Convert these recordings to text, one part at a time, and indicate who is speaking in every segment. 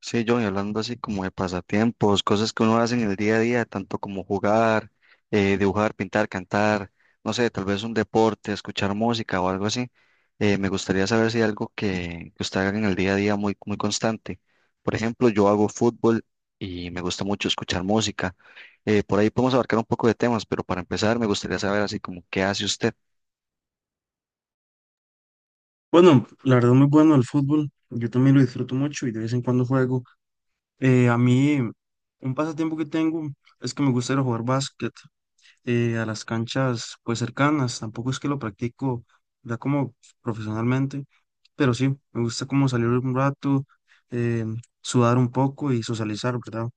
Speaker 1: Sí, John, hablando así como de pasatiempos, cosas que uno hace en el día a día, tanto como jugar, dibujar, pintar, cantar, no sé, tal vez un deporte, escuchar música o algo así. Me gustaría saber si hay algo que usted haga en el día a día muy, muy constante. Por ejemplo, yo hago fútbol y me gusta mucho escuchar música. Por ahí podemos abarcar un poco de temas, pero para empezar me gustaría saber así como qué hace usted.
Speaker 2: Bueno, la verdad muy bueno el fútbol. Yo también lo disfruto mucho y de vez en cuando juego. A mí, un pasatiempo que tengo es que me gusta ir a jugar básquet a las canchas pues cercanas. Tampoco es que lo practico ya como profesionalmente, pero sí, me gusta como salir un rato, eh, sudar un poco y socializar, ¿verdad?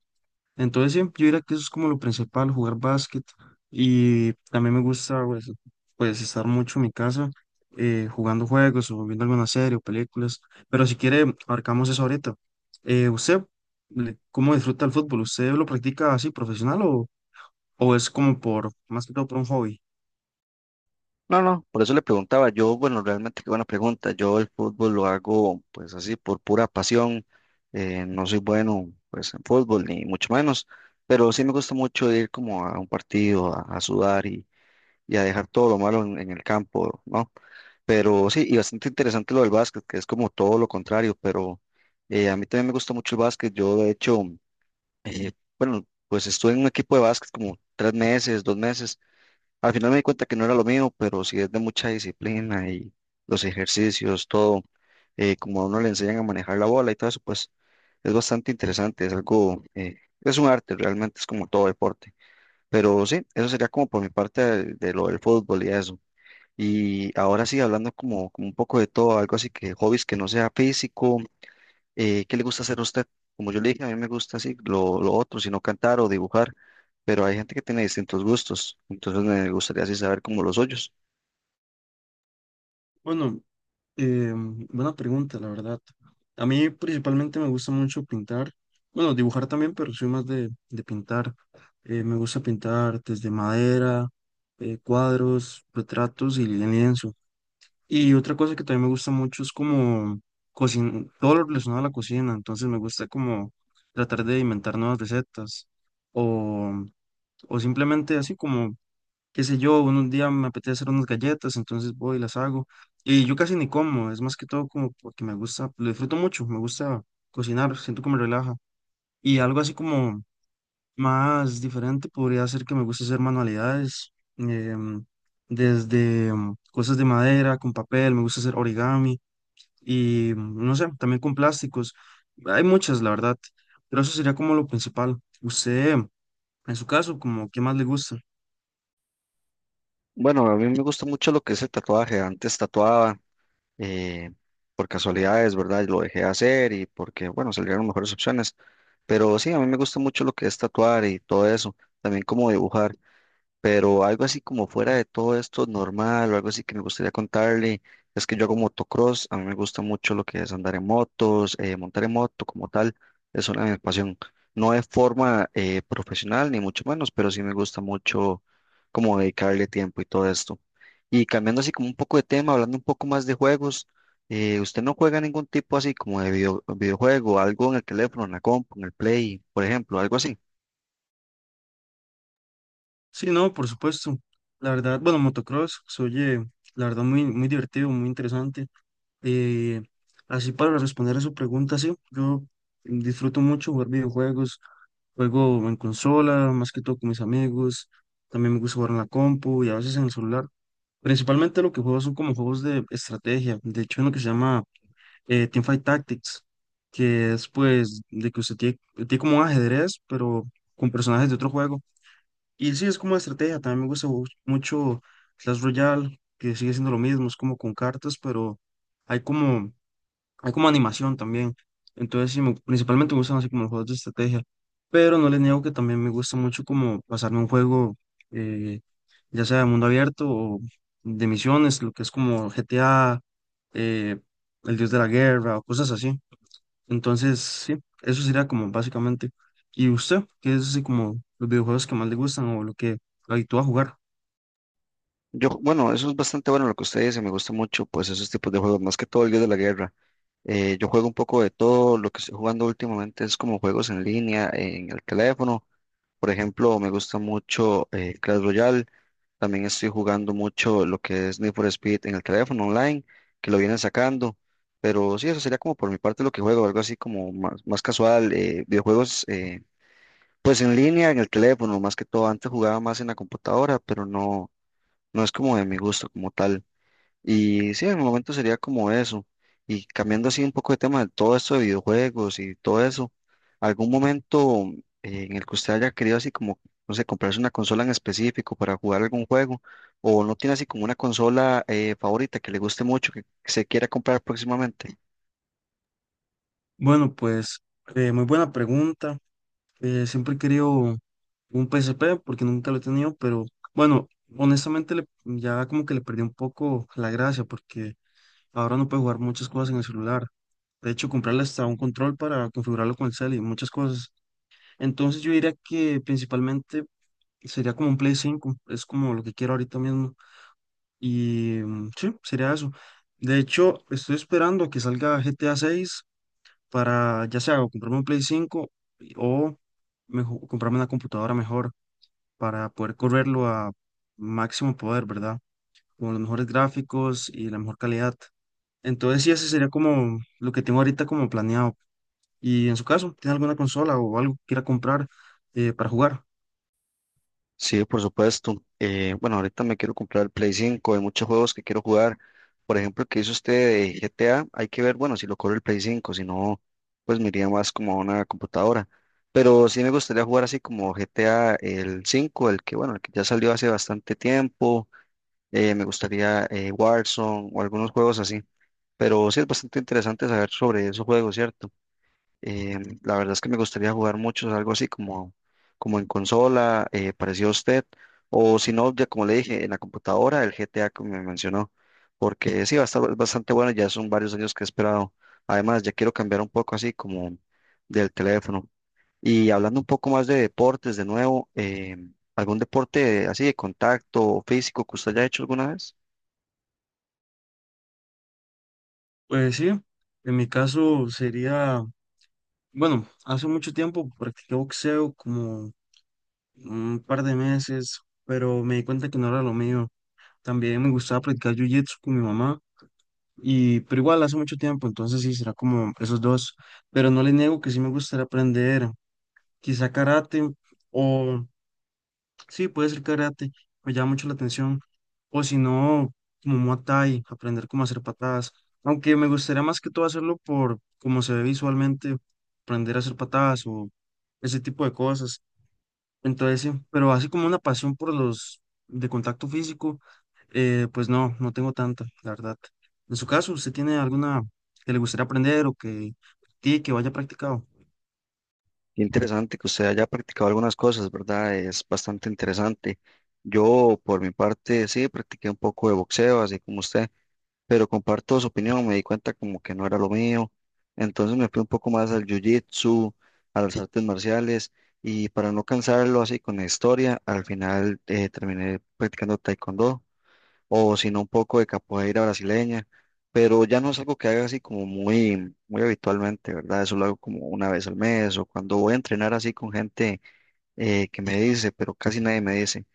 Speaker 2: Entonces, sí, yo diría que eso es como lo principal, jugar básquet. Y también me gusta, pues, estar mucho en mi casa jugando juegos o viendo alguna serie o películas. Pero si quiere, abarcamos eso ahorita. ¿Usted cómo disfruta el fútbol? ¿Usted lo practica así profesional o es como por, más que todo por un hobby?
Speaker 1: No, no, por eso le preguntaba. Yo, bueno, realmente qué buena pregunta. Yo el fútbol lo hago pues así por pura pasión. No soy bueno pues en fútbol ni mucho menos, pero sí me gusta mucho ir como a un partido a sudar y a dejar todo lo malo en el campo, ¿no? Pero sí, y bastante interesante lo del básquet, que es como todo lo contrario, pero a mí también me gusta mucho el básquet. Yo de hecho, eh, bueno, pues estuve en un equipo de básquet como 3 meses, 2 meses. Al final me di cuenta que no era lo mío, pero sí es de mucha disciplina y los ejercicios, todo, como a uno le enseñan a manejar la bola y todo eso, pues es bastante interesante, es algo, es un arte realmente, es como todo deporte. Pero sí, eso sería como por mi parte de lo del fútbol y eso. Y ahora sí, hablando como un poco de todo, algo así que hobbies que no sea físico, ¿qué le gusta hacer a usted? Como yo le dije, a mí me gusta así lo otro, sino cantar o dibujar, pero hay gente que tiene distintos gustos, entonces me gustaría así saber como los suyos.
Speaker 2: Bueno. Buena pregunta, la verdad. A mí principalmente me gusta mucho pintar, bueno, dibujar también, pero soy más de pintar. Me gusta pintar desde madera, cuadros, retratos y en lienzo. Y otra cosa que también me gusta mucho es como cocin todo lo relacionado a la cocina, entonces me gusta como tratar de inventar nuevas recetas o, o simplemente así como qué sé yo, un día me apetece hacer unas galletas, entonces voy y las hago. Y yo casi ni como, es más que todo como porque me gusta, lo disfruto mucho, me gusta cocinar, siento que me relaja. Y algo así como más diferente podría ser que me gusta hacer manualidades, desde cosas de madera, con papel, me gusta hacer origami y no sé, también con plásticos. Hay muchas, la verdad, pero eso sería como lo principal. Usted, en su caso, como, ¿qué más le gusta?
Speaker 1: Bueno, a mí me gusta mucho lo que es el tatuaje, antes tatuaba eh, por casualidades, ¿verdad? Lo dejé de hacer y porque, bueno, salieron mejores opciones, pero sí, a mí me gusta mucho lo que es tatuar y todo eso, también como dibujar. Pero algo así como fuera de todo esto normal, o algo así que me gustaría contarle, es que yo hago motocross, a mí me gusta mucho lo que es andar en motos, montar en moto como tal, es una de mis pasión. No de forma profesional, ni mucho menos, pero sí me gusta mucho como dedicarle tiempo y todo esto. Y cambiando así como un poco de tema, hablando un poco más de juegos, ¿usted no juega ningún tipo así como de videojuego, algo en el teléfono, en la compu, en el Play, por ejemplo, algo así?
Speaker 2: Sí, no, por supuesto. La verdad, bueno, motocross se oye, la verdad, muy, muy divertido, muy interesante. Eh, así para responder a su pregunta, sí, yo disfruto mucho jugar videojuegos, juego en consola, más que todo con mis amigos, también me gusta jugar en la compu y a veces en el celular. Principalmente lo que juego son como juegos de estrategia, de hecho uno que se llama Teamfight Tactics, que es pues de que usted tiene como un ajedrez, pero con personajes de otro juego. Y sí, es como una estrategia. También me gusta mucho Clash Royale, que sigue siendo lo mismo, es como con cartas, pero hay como, hay como animación también. Entonces, sí, principalmente me gustan así como los juegos de estrategia. Pero no les niego que también me gusta mucho como pasarme un juego, eh, ya sea de mundo abierto o de misiones, lo que es como GTA, eh, El Dios de la Guerra o cosas así. Entonces, sí, eso sería como básicamente. ¿Y usted? ¿Qué es así como los videojuegos que más le gustan o lo que lo habitúa a jugar?
Speaker 1: Yo, bueno, eso es bastante bueno lo que usted dice, me gusta mucho, pues esos tipos de juegos, más que todo el Dios de la Guerra. Yo juego un poco de todo, lo que estoy jugando últimamente es como juegos en línea, en el teléfono. Por ejemplo, me gusta mucho Clash Royale, también estoy jugando mucho lo que es Need for Speed en el teléfono online, que lo vienen sacando. Pero sí, eso sería como por mi parte lo que juego, algo así como más casual, videojuegos, pues en línea, en el teléfono, más que todo. Antes jugaba más en la computadora, pero no, no es como de mi gusto como tal. Y sí, en el momento sería como eso. Y cambiando así un poco de tema de todo esto de videojuegos y todo eso, ¿algún momento en el que usted haya querido así como, no sé, comprarse una consola en específico para jugar algún juego? ¿O no tiene así como una consola favorita que le guste mucho, que se quiera comprar próximamente?
Speaker 2: Bueno, pues muy buena pregunta. Siempre he querido un PSP porque nunca lo he tenido, pero bueno, honestamente ya como que le perdí un poco la gracia porque ahora no puedo jugar muchas cosas en el celular. De hecho, comprarle hasta un control para configurarlo con el cel y muchas cosas. Entonces yo diría que principalmente sería como un Play 5 es como lo que quiero ahorita mismo. Y sí, sería eso. De hecho, estoy esperando a que salga GTA 6 para ya sea o comprarme un Play 5 o comprarme una computadora mejor para poder correrlo a máximo poder, ¿verdad? Con los mejores gráficos y la mejor calidad. Entonces, sí, ese sería como lo que tengo ahorita como planeado. Y en su caso, ¿tiene alguna consola o algo que quiera comprar para jugar?
Speaker 1: Sí, por supuesto. Bueno, ahorita me quiero comprar el Play 5, hay muchos juegos que quiero jugar. Por ejemplo, el que hizo usted de GTA, hay que ver, bueno, si lo corre el Play 5, si no, pues me iría más como a una computadora. Pero sí me gustaría jugar así como GTA el 5, el que, bueno, el que ya salió hace bastante tiempo. Me gustaría, Warzone o algunos juegos así. Pero sí es bastante interesante saber sobre esos juegos, ¿cierto? La verdad es que me gustaría jugar muchos, algo así como en consola, parecido a usted, o si no, ya como le dije, en la computadora, el GTA que me mencionó, porque sí, va a estar bastante bueno, ya son varios años que he esperado. Además, ya quiero cambiar un poco así como del teléfono. Y hablando un poco más de deportes, de nuevo, ¿algún deporte así de contacto físico que usted haya hecho alguna vez?
Speaker 2: Pues sí, en mi caso sería, bueno, hace mucho tiempo practiqué boxeo como un par de meses, pero me di cuenta que no era lo mío. También me gustaba practicar jiu-jitsu con mi mamá, pero igual hace mucho tiempo, entonces sí, será como esos dos. Pero no le niego que sí me gustaría aprender quizá karate, o sí, puede ser karate, me llama mucho la atención. O si no, como Muay Thai, aprender cómo hacer patadas. Aunque me gustaría más que todo hacerlo por cómo se ve visualmente, aprender a hacer patadas o ese tipo de cosas. Entonces sí, pero así como una pasión por los de contacto físico, pues no, no tengo tanta, la verdad. En su caso, ¿usted tiene alguna que le gustaría aprender o que practique, que vaya practicado?
Speaker 1: Qué interesante que usted haya practicado algunas cosas, ¿verdad? Es bastante interesante. Yo, por mi parte, sí, practiqué un poco de boxeo, así como usted, pero comparto su opinión, me di cuenta como que no era lo mío. Entonces me fui un poco más al jiu-jitsu, a las artes marciales, y para no cansarlo así con la historia, al final terminé practicando taekwondo o si no un poco de capoeira brasileña, pero ya no es algo que haga así como muy, muy habitualmente, ¿verdad? Eso lo hago como una vez al mes o cuando voy a entrenar así con gente que me dice, pero casi nadie me dice.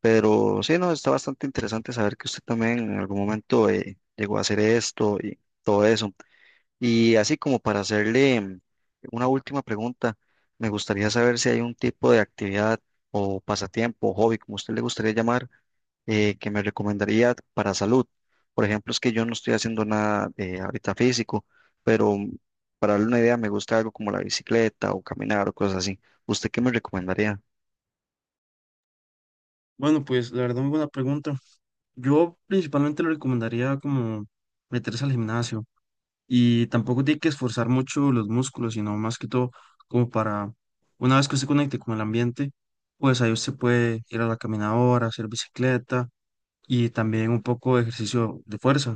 Speaker 1: Pero sí, no, está bastante interesante saber que usted también en algún momento llegó a hacer esto y todo eso. Y así como para hacerle, una última pregunta, me gustaría saber si hay un tipo de actividad o pasatiempo, hobby, como usted le gustaría llamar, que me recomendaría para salud. Por ejemplo, es que yo no estoy haciendo nada, ahorita físico, pero para darle una idea, me gusta algo como la bicicleta o caminar o cosas así. ¿Usted qué me recomendaría?
Speaker 2: Bueno, pues la verdad, muy buena pregunta. Yo principalmente le recomendaría como meterse al gimnasio y tampoco tiene que esforzar mucho los músculos, sino más que todo como para, una vez que usted conecte con el ambiente, pues ahí usted puede ir a la caminadora, hacer bicicleta y también un poco de ejercicio de fuerza.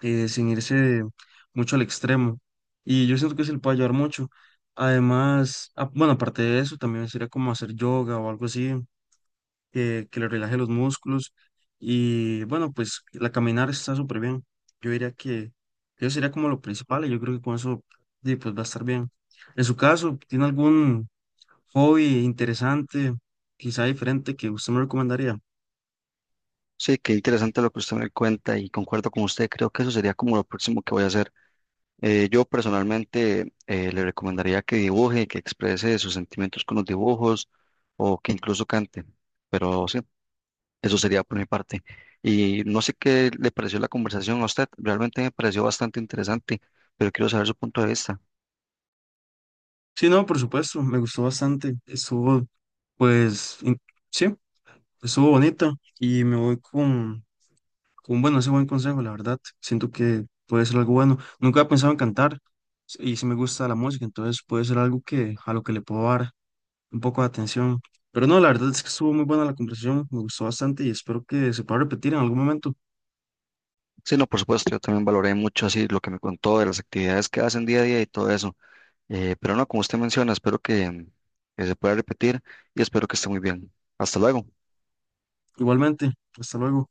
Speaker 2: Sin irse mucho al extremo. Y yo siento que se le puede ayudar mucho. Además, bueno, aparte de eso, también sería como hacer yoga o algo así, que le relaje los músculos. Y bueno, pues la caminar está súper bien. Yo diría que eso sería como lo principal y yo creo que con eso sí, pues va a estar bien. En su caso, ¿tiene algún hobby interesante, quizá diferente, que usted me recomendaría?
Speaker 1: Sí, qué interesante lo que usted me cuenta y concuerdo con usted. Creo que eso sería como lo próximo que voy a hacer. Yo personalmente, le recomendaría que dibuje, que exprese sus sentimientos con los dibujos o que incluso cante. Pero sí. Eso sería por mi parte. Y no sé qué le pareció la conversación a usted. Realmente me pareció bastante interesante, pero quiero saber su punto de vista.
Speaker 2: Sí, no, por supuesto, me gustó bastante. Estuvo, pues, sí. Estuvo bonita y me voy con, bueno, ese buen consejo, la verdad. Siento que puede ser algo bueno. Nunca he pensado en cantar y si me gusta la música, entonces puede ser algo que a lo que le puedo dar un poco de atención. Pero no, la verdad es que estuvo muy buena la conversación, me gustó bastante y espero que se pueda repetir en algún momento.
Speaker 1: Sí, no, por supuesto, yo también valoré mucho así lo que me contó de las actividades que hacen día a día y todo eso. Pero no, como usted menciona, espero que, se pueda repetir y espero que esté muy bien. Hasta luego.
Speaker 2: Igualmente, hasta luego.